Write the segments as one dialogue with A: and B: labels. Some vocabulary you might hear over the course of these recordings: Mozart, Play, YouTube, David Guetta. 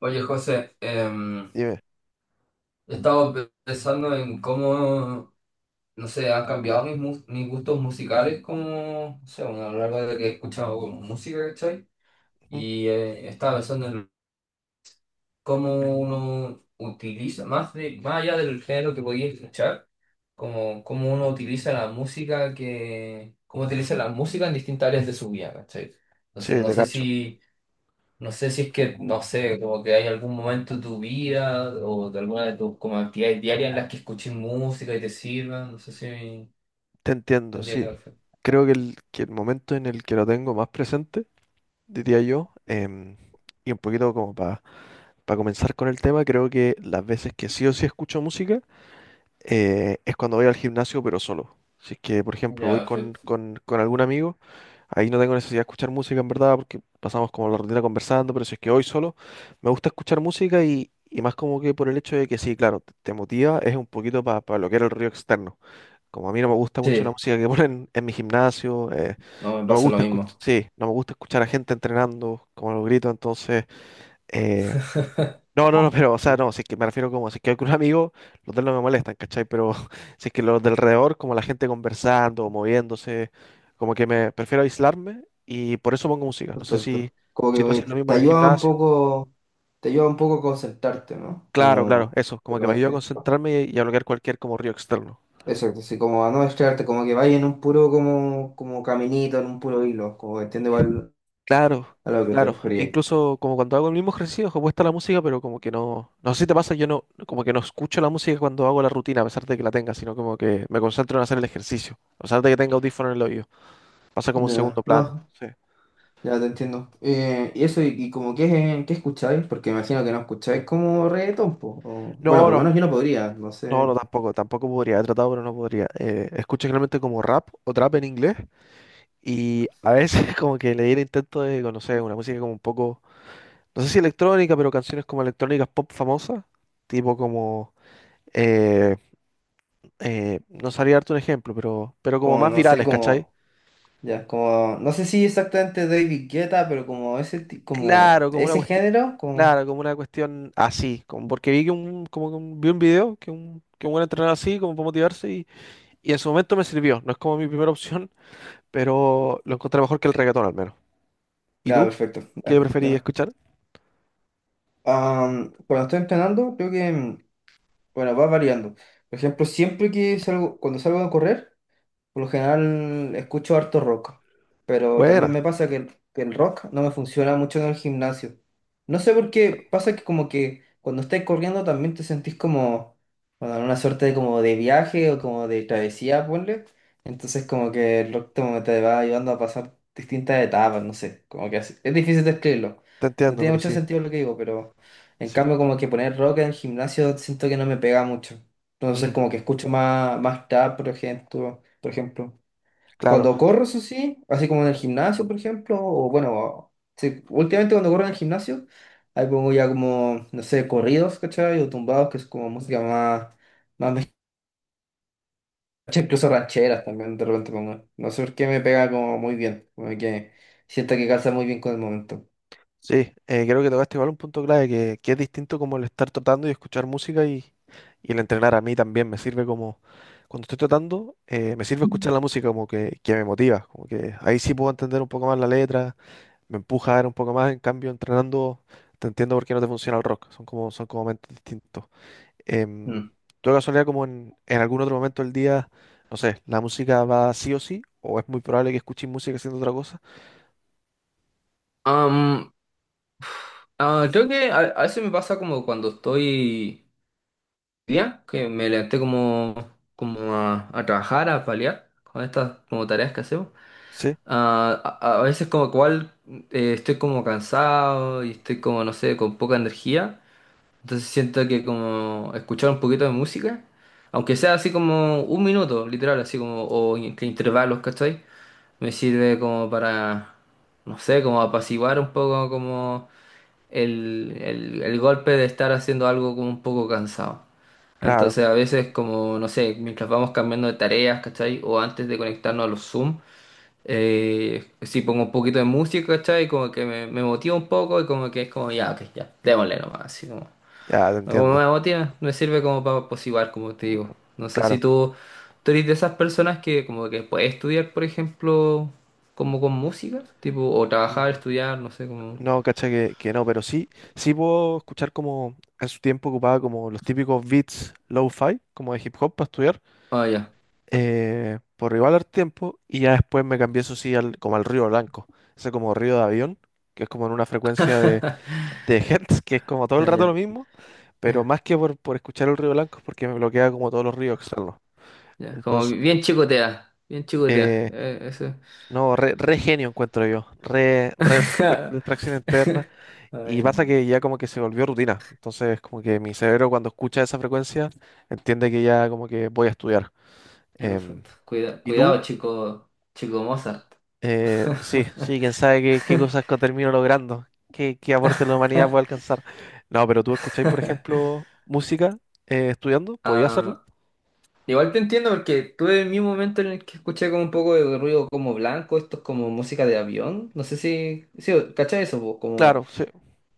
A: Oye, José,
B: Dime.
A: he estado pensando en cómo, no sé, han cambiado mis gustos musicales como, no sé, bueno, a lo largo de que he escuchado como música, ¿cachai?
B: Ujú.
A: Y estaba pensando en cómo uno utiliza, más, de, más allá del género que podía escuchar, como cómo uno utiliza cómo utiliza la música en distintas áreas de su vida, ¿cachai? Entonces,
B: Sí, te cacho.
A: no sé si es que, no sé, como que hay algún momento de tu vida o de alguna de tus como actividades diarias en las que escuches música y te sirva, no sé si
B: Te entiendo,
A: tendría que
B: sí.
A: ver.
B: Creo que el momento en el que lo tengo más presente, diría yo, y un poquito como para comenzar con el tema, creo que las veces que sí o sí escucho música es cuando voy al gimnasio, pero solo. Si es que, por ejemplo,
A: Ya,
B: voy con,
A: perfecto.
B: con, con algún amigo, ahí no tengo necesidad de escuchar música en verdad, porque pasamos como la rutina conversando, pero si es que voy solo, me gusta escuchar música y más como que por el hecho de que sí, claro, te motiva, es un poquito para bloquear el ruido externo. Como a mí no me gusta mucho la
A: Sí,
B: música que ponen en mi gimnasio,
A: no, me
B: no me
A: pasa lo
B: gusta escuchar,
A: mismo.
B: sí, no me gusta escuchar a gente entrenando, como los gritos, entonces, eh, no, no, no, pero, o sea,
A: Mm.
B: no, si es que me refiero como, si es que hay un amigo, los de él no me molestan, ¿cachai? Pero si es que los del alrededor, como la gente conversando, moviéndose, como que me prefiero aislarme y por eso pongo música. No sé si,
A: Perfecto.
B: si tú haces lo mismo
A: Te
B: en el
A: ayuda un
B: gimnasio.
A: poco, te ayuda un poco a concentrarte, ¿no?
B: Claro, claro,
A: Como
B: eso,
A: de
B: como que me ayuda a
A: repente.
B: concentrarme y a bloquear cualquier como ruido externo.
A: Exacto, sí, como a no distraerte, como que vaya en un puro como, como caminito, en un puro hilo, como que entiende igual
B: Claro,
A: a lo que te
B: claro.
A: referías.
B: Incluso como cuando hago el mismo ejercicio, ojo, puesta la música, pero como que no. No sé si te pasa, yo no, como que no escucho la música cuando hago la rutina, a pesar de que la tenga, sino como que me concentro en hacer el ejercicio. A pesar de que tenga audífono en el oído. Pasa como un segundo
A: No,
B: plano.
A: no.
B: Sí.
A: Ya te entiendo. Y eso, y como qué, qué escucháis, porque imagino que no escucháis como reggaetón, po, bueno,
B: No,
A: por lo
B: no.
A: menos yo no podría, no
B: No, no,
A: sé,
B: tampoco, tampoco podría, he tratado, pero no podría. Escucho generalmente como rap o trap en inglés y a veces como que le di el intento de conocer una música como un poco, no sé si electrónica, pero canciones como electrónicas pop famosas, tipo como, eh, no sabría darte un ejemplo, pero como
A: como,
B: más
A: no sé,
B: virales, ¿cachai?
A: como, ya, como, no sé si exactamente David Guetta, pero como ese, como,
B: Claro, como una
A: ese
B: cuestión,
A: género, como,
B: claro, como una cuestión así, como porque vi que un, como que un- vi un video que un buen entrenador así, como para motivarse, y en su momento me sirvió, no es como mi primera opción, pero lo encontré mejor que el reggaetón al menos. ¿Y
A: ya,
B: tú?
A: perfecto,
B: ¿Qué
A: ya, yo
B: preferís
A: no.
B: escuchar?
A: Cuando estoy entrenando, creo que, bueno, va variando. Por ejemplo, cuando salgo a correr, por lo general escucho harto rock, pero también
B: Buena,
A: me pasa que que el rock no me funciona mucho en el gimnasio. No sé por qué, pasa que como que cuando estáis corriendo también te sentís como, bueno, en una suerte de como de viaje o como de travesía, ponle. Entonces como que el rock como te va ayudando a pasar distintas etapas, no sé, es difícil describirlo.
B: te
A: No
B: entiendo,
A: tiene
B: pero
A: mucho
B: sí,
A: sentido lo que digo, pero en
B: sí,
A: cambio como que poner rock en el gimnasio siento que no me pega mucho. Entonces
B: Mm,
A: como que escucho más, más trap, por ejemplo.
B: claro.
A: Cuando corro, eso sí, así como en el gimnasio, por ejemplo, o bueno, sí, últimamente cuando corro en el gimnasio, ahí pongo ya como, no sé, corridos, ¿cachai? O tumbados, que es como música más, ¿cachai? Incluso rancheras también de repente pongo. No sé por qué me pega como muy bien, como que siento que calza muy bien con el momento.
B: Sí, creo que tocaste igual un punto clave que es distinto como el estar tratando y escuchar música y el entrenar a mí también. Me sirve como, cuando estoy tratando, me sirve escuchar la música como que me motiva, como que ahí sí puedo entender un poco más la letra, me empuja a ver un poco más. En cambio, entrenando, te entiendo por qué no te funciona el rock. Son como momentos distintos. Em,
A: Mm.
B: ¿Tú de casualidad como en algún otro momento del día, no sé, la música va sí o sí? ¿O es muy probable que escuches música haciendo otra cosa?
A: Am, creo que a veces me pasa como cuando estoy día, que me levanté como, como a trabajar, a paliar con estas como tareas que hacemos.
B: Sí,
A: A veces como cual estoy como cansado y estoy como, no sé, con poca energía. Entonces siento que como escuchar un poquito de música, aunque sea así como un minuto, literal, así como, que intervalos, ¿cachai? Me sirve como para, no sé, como apaciguar un poco como el golpe de estar haciendo algo como un poco cansado.
B: claro,
A: Entonces a veces como, no sé, mientras vamos cambiando de tareas, ¿cachai? O antes de conectarnos a los Zoom. Sí, pongo un poquito de música, ¿cachai? Como que me motiva un poco y como que es como, ya, ok, ya, démosle nomás, así como.
B: ya te
A: No, como
B: entiendo,
A: me motiva, me sirve como para posiguar, como te digo. No sé si
B: claro.
A: tú, tú eres de esas personas que como que puedes estudiar, por ejemplo, como con música, tipo, o trabajar,
B: Mm.
A: estudiar, no sé, como...
B: No, cacha que no, pero sí, sí puedo escuchar como en su tiempo ocupaba como los típicos beats low-fi, como de hip hop para estudiar,
A: Ah, ya,
B: por igual al tiempo, y ya después me cambié eso sí al, como al Río Blanco, ese como Río de Avión, que es como en una frecuencia de hertz, que es como todo el
A: ya,
B: rato lo
A: ya,
B: mismo, pero
A: ya,
B: más que por escuchar el Río Blanco es porque me bloquea como todos los ríos externos.
A: ya. Como
B: Entonces,
A: bien chicotea,
B: eh,
A: eso.
B: no, re, re genio encuentro yo. Re, re distracción interna. Y
A: Ay,
B: pasa que ya como que se volvió rutina. Entonces, como que mi cerebro cuando escucha esa frecuencia, entiende que ya como que voy a estudiar.
A: en
B: Em,
A: efecto.
B: ¿Y tú?
A: Cuidado, chico, chico Mozart.
B: Sí, sí, quién sabe qué, qué cosas que termino logrando, qué, qué aporte la humanidad puede alcanzar. No, pero tú escucháis, por ejemplo, música estudiando, ¿podía hacerlo?
A: Ah, igual te entiendo porque tuve el mismo momento en el que escuché como un poco de ruido como blanco, esto es como música de avión, no sé si, sí, ¿cachai eso? ¿Po? Como,
B: Claro, sí,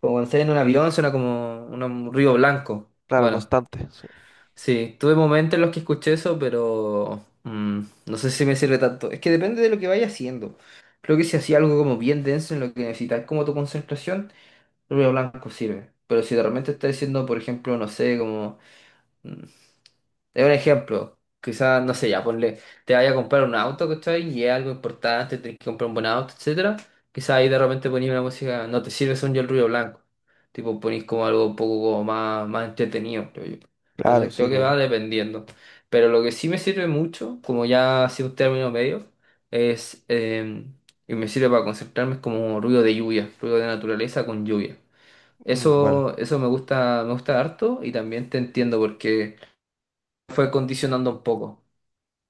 A: como cuando estás en un avión suena como un ruido blanco.
B: claro,
A: Bueno,
B: constante. Sí.
A: sí, tuve momentos en los que escuché eso, pero no sé si me sirve tanto. Es que depende de lo que vaya haciendo. Creo que si hacía algo como bien denso en lo que necesitas como tu concentración, el ruido blanco sirve. Pero si de repente estás haciendo, por ejemplo, no sé, como... mm, es un ejemplo. Quizás, no sé, ya ponle, te vaya a comprar un auto, ¿cachai? Y es algo importante, tenés que comprar un buen auto, etcétera. Quizás ahí de repente ponís una música, no te sirve son yo el ruido blanco. Tipo, ponís como algo un poco como más, más entretenido, creo yo.
B: Claro,
A: Entonces
B: sí,
A: creo que va
B: obvio.
A: dependiendo. Pero lo que sí me sirve mucho, como ya ha sido un término medio, es y me sirve para concentrarme, es como ruido de lluvia, ruido de naturaleza con lluvia.
B: Mm, bueno,
A: Eso me gusta harto y también te entiendo porque fue condicionando un poco.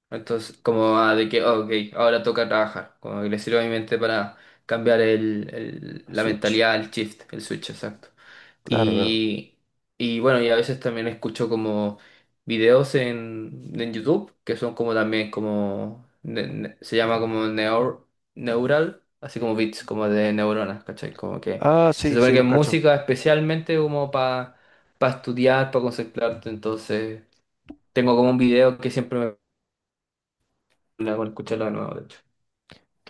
A: Entonces, como ah, de que, oh, ok, ahora toca trabajar. Como que le sirve a mi mente para cambiar la
B: Switch.
A: mentalidad, el shift, el switch, exacto.
B: Claro, claro.
A: Y, y bueno, y a veces también escucho como videos en YouTube, que son como también como, se llama como neural, así como bits, como de neuronas, ¿cachai? Como que
B: Ah,
A: se
B: sí,
A: supone
B: sí,
A: que es
B: los cacho.
A: música especialmente como para estudiar, para concentrarte, entonces... Tengo como un video que siempre me pone con escucharlo de nuevo, de hecho.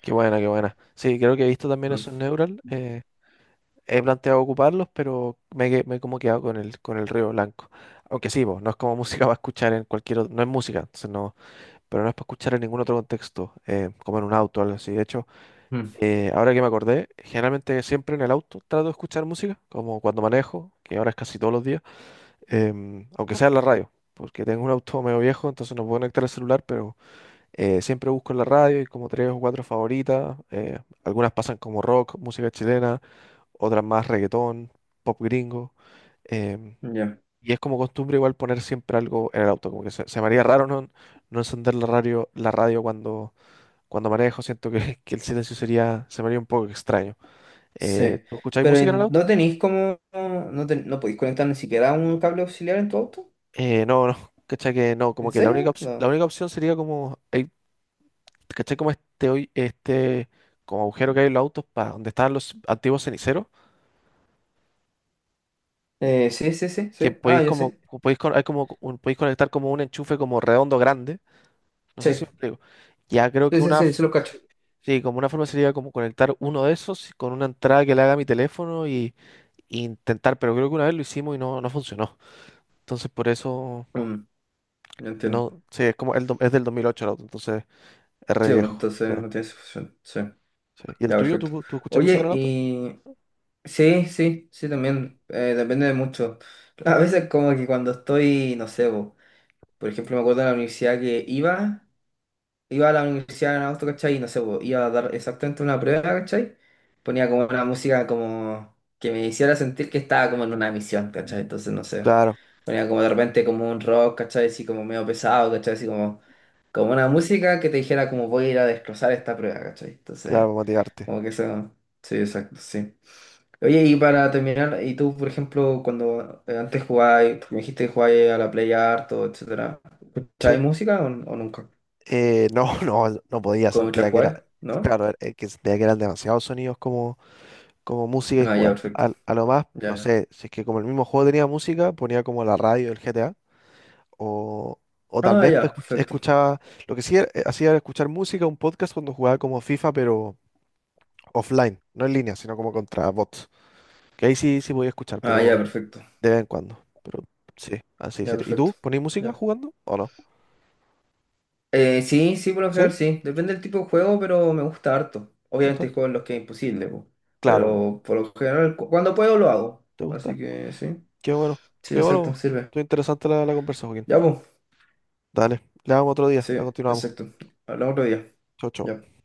B: Qué buena, qué buena. Sí, creo que he visto también
A: Mm,
B: esos Neural. He planteado ocuparlos, pero me, he que- me he como quedado con el Río Blanco. Aunque sí, po, no es como música para escuchar en cualquier otro, no es música, entonces no, pero no es para escuchar en ningún otro contexto, como en un auto o algo así. De hecho,
A: mm.
B: ahora que me acordé, generalmente siempre en el auto trato de escuchar música, como cuando manejo, que ahora es casi todos los días, aunque sea en la radio, porque tengo un auto medio viejo, entonces no puedo conectar el celular, pero siempre busco en la radio y como tres o cuatro favoritas. Algunas pasan como rock, música chilena, otras más reggaetón, pop gringo. em,
A: Ya,
B: y es como costumbre igual poner siempre algo en el auto, como que se me haría raro no, no encender la radio cuando, cuando manejo, siento que, que el silencio sería, se me haría un poco extraño.
A: sí.
B: ¿Tú escucháis
A: Pero
B: música en el
A: en- no
B: auto?
A: tenéis como. No, no podéis conectar ni siquiera un cable auxiliar en tu auto.
B: No, no, cachai que no, como
A: ¿En
B: que la única,
A: serio?
B: opci- la
A: No.
B: única opción sería como ¿Cachai? Como este, hoy, este como agujero que hay en los autos para donde estaban los antiguos ceniceros,
A: Sí, sí, sí,
B: que
A: sí. Ah,
B: podéis
A: yo
B: como,
A: sé.
B: co- podéis, con- hay como un- podéis conectar como un enchufe como redondo grande. No sé si
A: Sí,
B: me explico. Ya creo
A: sí,
B: que
A: sí,
B: una,
A: sí, sí
B: f-
A: lo cacho.
B: sí, como una forma sería como conectar uno de esos con una entrada que le haga a mi teléfono y intentar, pero creo que una vez lo hicimos y no, no funcionó. Entonces por eso,
A: Mm, ya entiendo.
B: no, sí, es como el, do- es del 2008 el auto, entonces es re
A: Sí, bueno,
B: viejo. O
A: entonces
B: sea,
A: no tiene solución. Sí,
B: sí. ¿Y el
A: ya,
B: tuyo?
A: perfecto.
B: ¿Tú, tú escuchas música en
A: Oye,
B: el auto? Sí.
A: y. Sí, sí, sí, también. Depende de mucho. A veces, como que cuando estoy, no sé, bo, por ejemplo, me acuerdo de la universidad que iba. Iba a la universidad en agosto, ¿cachai? Y no sé, po, iba a dar exactamente una prueba, ¿cachai? Ponía como una música como que me hiciera sentir que estaba como en una misión, ¿cachai? Entonces, no sé,
B: Claro,
A: ponía como de repente como un rock, ¿cachai? Así como medio pesado, ¿cachai? Así como, como una música que te dijera como voy a ir a destrozar esta prueba, ¿cachai? Entonces,
B: claro, motivarte.
A: como que eso, sí, exacto, sí. Oye, y para terminar, y tú, por ejemplo, cuando antes jugabas, me dijiste que jugabas a la Play harto, etcétera, ¿escuchabas
B: Sí.
A: música o nunca?
B: No, no, no podía,
A: ¿Cómo la
B: sentía que era,
A: jugabas? ¿No?
B: claro, er- que sentía que eran demasiados sonidos como, como música y
A: Ah, ya,
B: jugar.
A: perfecto.
B: Al- A, lo más, no
A: Ya.
B: sé, si es que como el mismo juego tenía música, ponía como la radio del GTA, o, o tal
A: Ah,
B: vez pues,
A: ya,
B: escuch-
A: perfecto.
B: escuchaba, lo que sí era- hacía era escuchar música, un podcast cuando jugaba como FIFA, pero offline, no en línea, sino como contra bots. Que ahí sí, sí voy a escuchar,
A: Ah, ya,
B: pero
A: perfecto.
B: de vez en cuando. Pero sí, así
A: Ya,
B: sería. ¿Y
A: perfecto.
B: tú ponés música
A: Ya.
B: jugando o no?
A: Sí, sí, por lo
B: ¿Sí?
A: general sí. Depende del tipo de juego, pero me gusta harto.
B: ¿Te
A: Obviamente
B: gusta?
A: hay juegos en los que es imposible, po.
B: Claro, po.
A: Pero por lo general, cuando puedo lo hago.
B: ¿Te gusta?
A: Así que sí.
B: Qué bueno,
A: Sí,
B: qué bueno.
A: exacto,
B: Po.
A: sirve.
B: Estuvo interesante la, la conversa, Joaquín.
A: Ya, pues.
B: Dale, le damos otro día,
A: Sí,
B: la continuamos.
A: exacto. Hablamos otro día.
B: Chau, chau.
A: Ya.